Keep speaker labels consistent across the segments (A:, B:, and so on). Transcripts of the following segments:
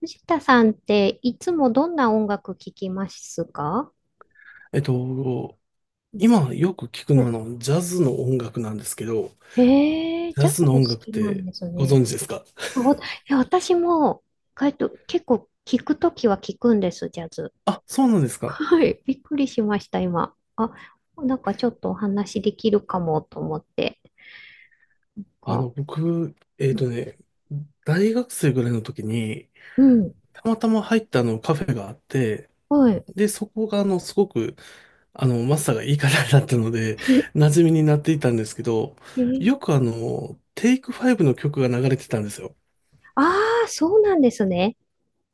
A: 藤田さんっていつもどんな音楽聴きますか？
B: えっと、
A: うん。
B: 今よく聞くのはジャズの音楽なんですけど、
A: へえー、
B: ジャ
A: ジャズ
B: ズ
A: が
B: の
A: 好
B: 音楽っ
A: きなん
B: て
A: です
B: ご
A: ね。
B: 存知ですか？
A: あおいや、私も、結構聴くときは聴くんです、ジャズ。
B: あ、そうなんですか。
A: はい、びっくりしました、今。あ、なんかちょっとお話できるかもと思って。こ
B: 僕、
A: う
B: 大学生ぐらいの時に、
A: うん、
B: たまたま入ったあのカフェがあって、
A: はい。
B: で、そこがすごく、マスターがいい方だったので、馴染みになっていたんですけど、
A: えー、
B: よくテイクファイブの曲が流れてたんですよ。
A: ああ、そうなんですね。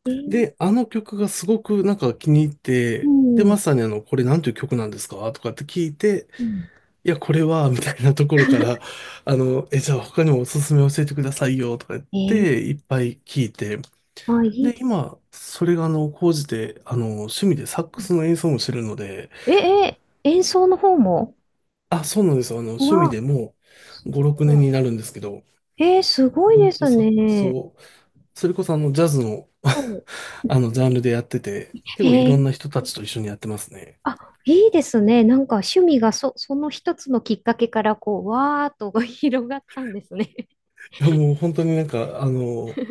A: えー、
B: で、あの曲がすごくなんか気に入っ
A: う
B: て、で、ま
A: ん、
B: さにこれなんていう曲なんですかとかって聞いて、
A: うん。
B: いや、これは、みたいなところから、じゃあ他にもおすすめ教えてくださいよ、とか言っ
A: えー、
B: て、いっぱい聞いて、
A: あ、いい
B: で、
A: です
B: 今、それが高じて、趣味でサック
A: ね。
B: スの演奏もしてるので、
A: え、えー、演奏の方も、
B: あ、そうなんですよ。
A: う
B: 趣味
A: わ、
B: でも
A: す
B: う5、6年
A: ご
B: になるんですけど、
A: い。えー、すごい
B: ず
A: で
B: っと
A: す
B: サックス
A: ね。
B: を、それこそジャズの
A: は
B: ジャンルでやってて、
A: い。
B: 結構い
A: え
B: ろ
A: ー、
B: んな人たちと一緒にやってますね。
A: あ、いいですね。なんか趣味がその一つのきっかけからこう、わーっと 広がったんですね。
B: いやもう本当になんか、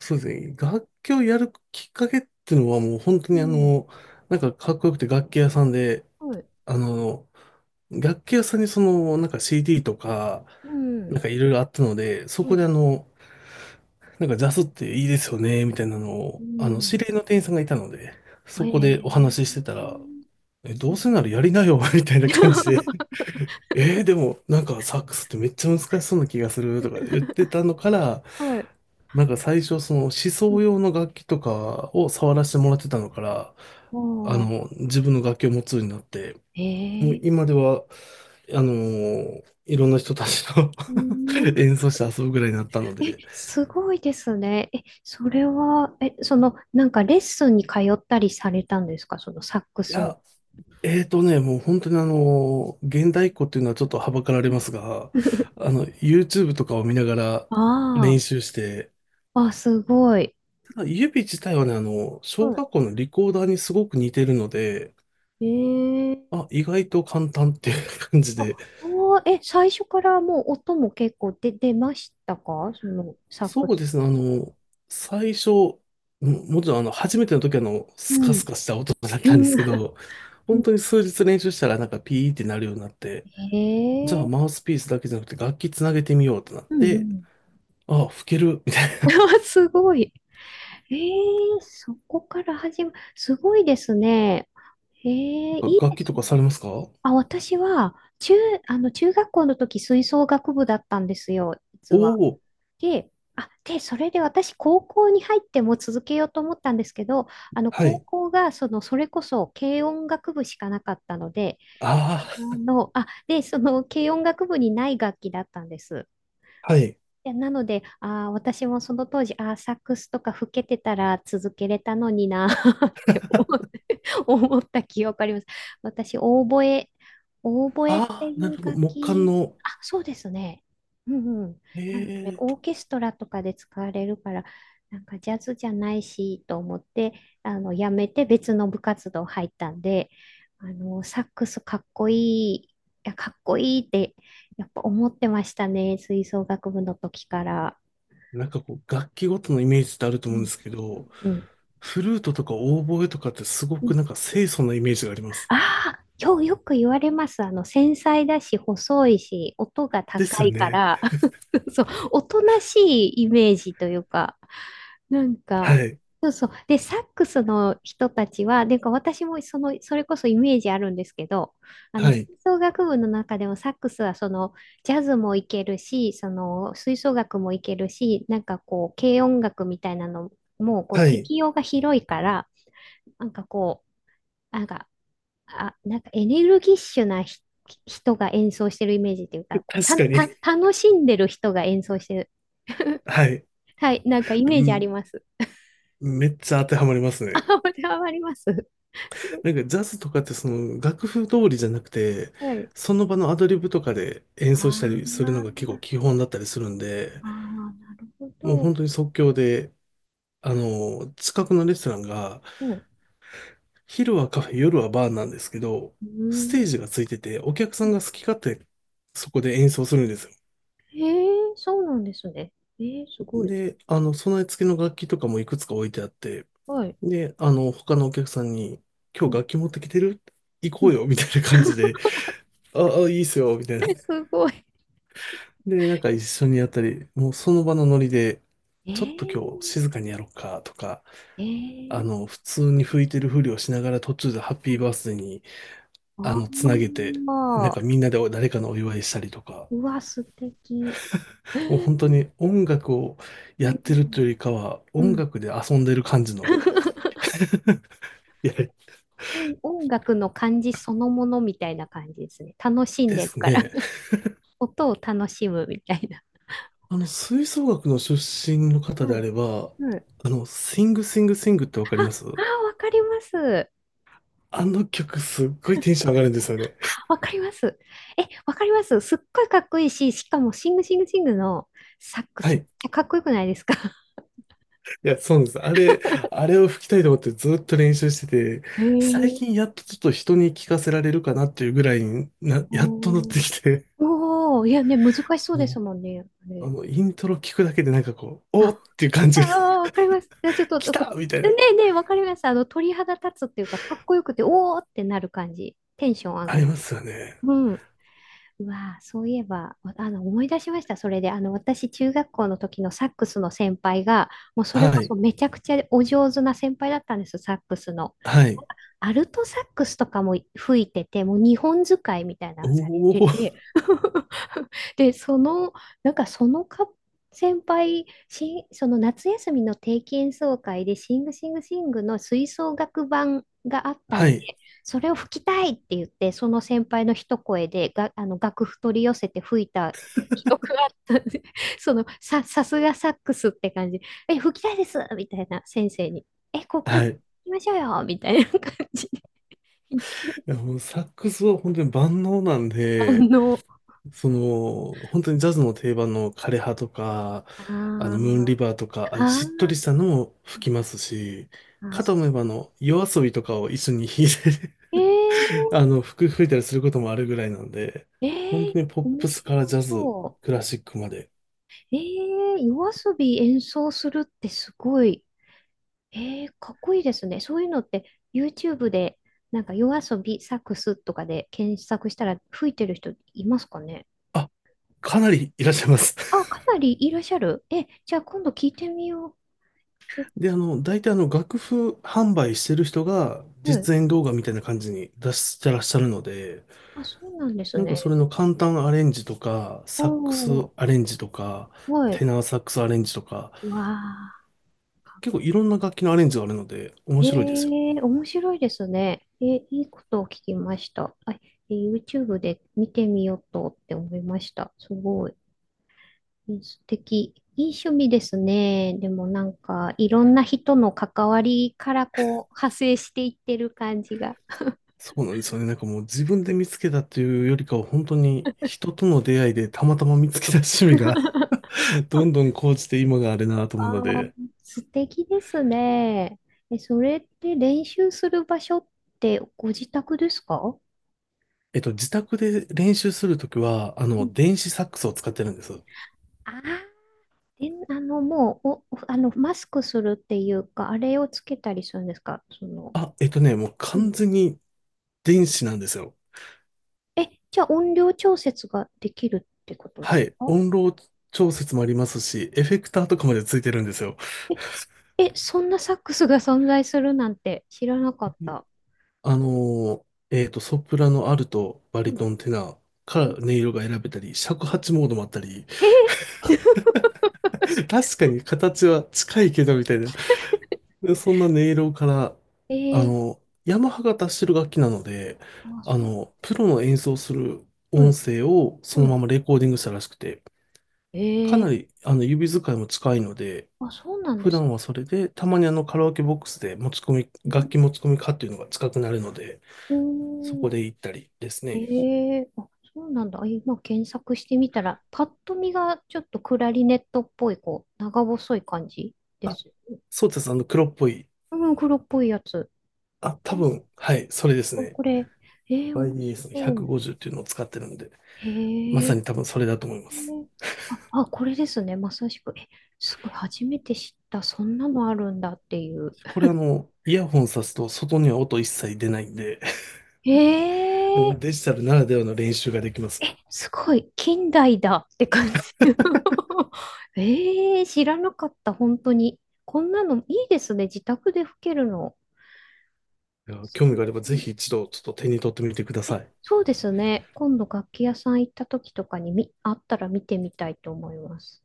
B: そうですね、楽器をやるきっかけっていうのはもう本当
A: う
B: に
A: ん。
B: なんかかっこよくて楽器屋さんで、
A: はい。
B: あの、楽器屋さんにその、なんか CD とか、
A: うん。
B: なんかいろいろあったので、そ
A: う
B: こで
A: ん
B: なんかジャズっていいですよね、みたいなの
A: う
B: を、知
A: ん。
B: り合いの店員さんがいたので、
A: え
B: そこでお話しして
A: ー。
B: たら、ど
A: う
B: う
A: ん。
B: せならやりなよ、みたいな感じで、でもなんかサックスってめっちゃ難しそうな気がするとか言ってたのから、
A: はい。
B: なんか最初、その思想用の楽器とかを触らせてもらってたのから、
A: ああ。
B: 自分の楽器を持つようになって、もう
A: えー。
B: 今では、いろんな人たちと
A: うん、
B: 演奏して遊ぶぐらいになったの
A: え、
B: で、
A: すごいですね。え、それは、え、その、なんかレッスンに通ったりされたんですかそのサック
B: い
A: スの？
B: や、もう本当に現代っ子っていうのはちょっとはばかられますが、YouTube とかを見ながら
A: あ
B: 練習して、
A: あ、あ、すごい。
B: ただ指自体はね、小学
A: は
B: 校のリコーダーにすごく似てるので、
A: い、ええ、
B: あ、意外と簡単っていう感じ
A: あ、あ
B: で、
A: ー、え、最初からもう音も結構出ましたかそのサック
B: そう
A: ス？
B: ですね、最初、もちろん初めての時は
A: う
B: スカス
A: ん。
B: カした音だっ
A: う
B: たんで
A: ん。
B: すけど、
A: う
B: 本当
A: ん、
B: に数日練習したらなんかピーってなるようになって、じゃあマ
A: ええ、
B: ウスピースだけじゃなくて楽器つなげてみようってなっ
A: うんう
B: て、
A: ん。
B: ああ、吹ける、みたい
A: すごい。ええ、そこから始ま、すごいですね。ええ、
B: な。
A: いい
B: 楽
A: で
B: 器と
A: すね。
B: かされますか？お
A: あ、私は、中、あの、中学校の時吹奏楽部だったんですよ、実
B: お
A: は。
B: ー、
A: で、それで私、高校に入っても続けようと思ったんですけど、あの、
B: は
A: 高
B: い。
A: 校が、その、それこそ、軽音楽部しかなかったので、
B: あ
A: あの、あ、で、その、軽音楽部にない楽器だったんです。
B: あ、はい。
A: でなので、あー、私もその当時、あー、サックスとか吹けてたら続けれたのにな って思った記憶あります。私、オーボエって
B: ああ、
A: い
B: なる
A: う
B: ほど。
A: 楽
B: 木管
A: 器、
B: の、
A: あ、そうですね。うん、うん。
B: え
A: なので、
B: え、
A: オーケストラとかで使われるから、なんかジャズじゃないしと思って、あの、やめて別の部活動入ったんで、あの、サックスかっこいい、いや、かっこいいって、やっぱ思ってましたね、吹奏楽部の時から。
B: なんかこう、楽器ごとのイメージってあると
A: う
B: 思うん
A: ん。
B: ですけど、
A: うん。
B: フルートとかオーボエとかってすご
A: う
B: く
A: ん、
B: なんか清楚なイメージがあります。
A: ああ、よく言われます。あの、繊細だし、細いし、音が
B: です
A: 高
B: よ
A: いか
B: ね。
A: ら、そう、おとなしいイメージというか、なん
B: は
A: か、
B: い。
A: そうそう。で、サックスの人たちは、なんか私もその、それこそイメージあるんですけど、あ
B: は
A: の、吹
B: い。
A: 奏楽部の中でもサックスはその、ジャズもいけるし、その、吹奏楽もいけるし、なんかこう、軽音楽みたいなのも、こう、
B: はい。
A: 適用が広いから、なんかこう、なんか、あ、なんかエネルギッシュな人が演奏してるイメージっていうか、こう
B: 確
A: た、
B: かに。
A: た、楽しんでる人が演奏してる。
B: はい。
A: はい、なんかイ
B: う
A: メージあり
B: ん。
A: ます。
B: めっちゃ当てはまります
A: あ、
B: ね。
A: これはあります。
B: なんかジャズとかってその楽譜通りじゃなくて、
A: はい。
B: その場のアドリブとかで演
A: あ
B: 奏したりす
A: ー、
B: るのが結構基本だったりするんで、
A: あー、なるほ
B: もう
A: ど。
B: 本当に即興で、近くのレストランが、
A: うん。
B: 昼はカフェ、夜はバーなんですけど、
A: うー
B: ステー
A: ん。
B: ジがついてて、お客さんが好き勝手そこで演奏するんですよ。
A: へえ、そうなんですね。えー、すごい。
B: で、備え付けの楽器とかもいくつか置いてあって、
A: はい。
B: で、他のお客さんに、今
A: う
B: 日
A: ん。
B: 楽器持ってきてる行
A: う
B: こう
A: ん。
B: よ、みたいな感じで、ああ、いいっすよ、みたいな。
A: すごい。
B: で、なんか一緒にやったり、もうその場のノリで、
A: え
B: ちょっと
A: ー、
B: 今日静かにやろうか、とか、
A: えー。
B: 普通に吹いてるふりをしながら途中でハッピーバースデーに、つなげ
A: あ
B: て、なん
A: あ、
B: かみんなで誰かのお祝いしたりとか、
A: うわ、素敵。え
B: もう本当
A: ー、
B: に音楽を
A: う
B: やってると
A: ん。
B: いうよりかは、
A: う
B: 音
A: ん。
B: 楽で遊んでる感じの、いや、
A: 音楽の感じそのものみたいな感じですね。楽しん
B: で
A: でる
B: す
A: から。
B: ね。
A: 音を楽しむみたいな。
B: 吹奏楽の出身の方
A: う
B: であ
A: ん、
B: れば、
A: うん。あ
B: シングシングシングってわかります
A: あ、わかります。
B: あの曲すっごいテンション上がるんですよね。
A: わかります。え、わかります。すっごいかっこいいし、しかもシングシングシングのサック
B: は
A: スめっ
B: い。
A: ちゃかっこよくないですか？
B: いや、そうなんです。あれを吹きたいと思ってずっと練習してて、
A: へ
B: 最
A: え。
B: 近やっとちょっと人に聞かせられるかなっていうぐらいにな、やっとなっ
A: お
B: て
A: ー、
B: きて、
A: おお、いやね、難しそうです
B: も
A: もんね、あ
B: う、
A: れ。
B: イントロ聞くだけでなんかこう、おー
A: あ、
B: っていう感
A: あ
B: じが、
A: あ、わかります。じゃあちょっ と、
B: 来
A: こ
B: た
A: ね
B: みたいな、
A: えねえ、わかります。あの、鳥肌立つっていうか、かっこよくて、おおってなる感じ。テンション上
B: あ
A: が
B: り
A: り。
B: ますよね。
A: うん。うわあ、そういえば、わ、あの、思い出しました。それで、あの、私、中学校の時のサックスの先輩が、もうそれ
B: は
A: こそ
B: い。
A: めちゃくちゃお上手な先輩だったんですよ、サックスの。
B: はい。
A: アルトサックスとかも吹いてて、もう日本使いみたいな
B: お
A: のされてて、
B: ー。
A: で、その、なんかその先輩、その夏休みの定期演奏会で、シングシングシングの吹奏楽版があった
B: は
A: んで、
B: い。
A: それを吹きたいって言って、その先輩の一声でが、あの楽譜取り寄せて吹いた記憶があったんで、そのさすがサックスって感じ、え、吹きたいですみたいな先生に、え、こう、これ、
B: は
A: 吹
B: い。
A: きましょうよみたいな感じで、一
B: いや、もうサックスは本当に万能なん
A: 般
B: で、
A: の、
B: その、本当にジャズの定番の枯葉とか、
A: あ
B: ムーン
A: ー、
B: リバーとか、
A: あ
B: あしっとり
A: ー、
B: したのも吹きますし、
A: あ
B: かと
A: ー、
B: 思えば夜遊びとかを一緒に弾いて
A: え ー、
B: 吹いたりすることもあるぐらいなんで、本
A: え
B: 当
A: え
B: にポッ
A: 面
B: プス
A: 白
B: からジャズ、
A: そ
B: クラシックまで、
A: う。ええ夜遊び演奏するってすごい。ええかっこいいですね。そういうのって YouTube でなんか夜遊びサックスとかで検索したら吹いてる人いますかね？
B: あ、かなりいらっしゃいます。
A: あ、か なりいらっしゃる。え、じゃあ今度聞いてみよ
B: で、大体楽譜販売してる人が
A: う。はい。
B: 実演動画みたいな感じに出してらっしゃるので、
A: あ、そうなんです
B: なんかそ
A: ね。
B: れの簡単アレンジとか、
A: お
B: サックス
A: ー、
B: アレンジとか、
A: は
B: テ
A: い。
B: ナーサックスアレンジとか、
A: わあ。
B: 結構いろんな楽器のアレンジがあるので面
A: え
B: 白いですよ。
A: え面白いですね。えー、いいことを聞きました。あ、えー YouTube で見てみようとって思いました。すごい。えー、素敵。いい趣味ですね。でもなんか、いろんな人の関わりからこう、派生していってる感じが。
B: そうなんですよね。なんかもう自分で見つけたっていうよりかは本当に人との出会いでたまたま見つけた趣味が どんどん高じて今があれなと思うの
A: ああ、
B: で、
A: 素敵ですね。え、それって練習する場所ってご自宅ですか？
B: 自宅で練習するときは、
A: うん。
B: 電子サックスを使ってるんです。
A: ああ、で、あの、もう、お、あの、マスクするっていうか、あれをつけたりするんですかその、
B: あ、もう
A: う
B: 完
A: ん。
B: 全に電子なんですよ。
A: え、じゃあ音量調節ができるってことで
B: は
A: す
B: い。
A: か？
B: 音量調節もありますし、エフェクターとかまでついてるんですよ。
A: え、え、そんなサックスが存在するなんて知らなかった。
B: あのソプラノ、アルト、バ
A: う
B: リト
A: ん。
B: ン、テナーから音色が選べたり、尺八モードもあったり、
A: え、
B: 確かに形は近いけどみたいな、でそんな音色から、
A: えー、
B: ヤマハが出してる楽器なので、
A: あ、そうなんで
B: プ
A: す。
B: ロの演奏する
A: は
B: 音
A: い、
B: 声をその
A: は
B: ままレコーディングしたらしくて、
A: い。
B: か
A: えー、
B: なり指使いも近いので、
A: あ、そうなんで
B: 普
A: す。
B: 段はそれで、たまにあのカラオケボックスで持ち込み、
A: う
B: 楽
A: ん。
B: 器持ち込みかっていうのが近くなるので、
A: う
B: そ
A: ー
B: こ
A: ん、
B: で行ったりですね。
A: ええ、あ、そうなんだ。あ、今検索してみたら、パッと見がちょっとクラリネットっぽい、こう、長細い感じで
B: あ、
A: す。
B: そうです。黒っぽい。
A: うん、黒っぽいやつ。
B: あ、
A: え、
B: 多分、はい、それです
A: こ
B: ね。
A: これ、えー、面
B: YDS の
A: 白い。
B: 150っていうのを使ってるんで、
A: へ
B: まさ
A: え、
B: に多分それだと思います。
A: あ、あ、これですね。まさしく。え、すごい、初めて知った。そんなのあるんだっていう。
B: これイヤホンさすと外には音一切出ないんで、
A: え、
B: も
A: え
B: うデジタルならではの練習ができますよ。
A: え、すごい、近代だって感じ。ええー、知らなかった、本当に。こんなのいいですね、自宅で吹けるの。
B: いや
A: 素
B: 興味
A: 敵。
B: があればぜひ一度ちょっと手に取ってみてください。
A: そうですね、今度楽器屋さん行った時とかにあったら見てみたいと思います。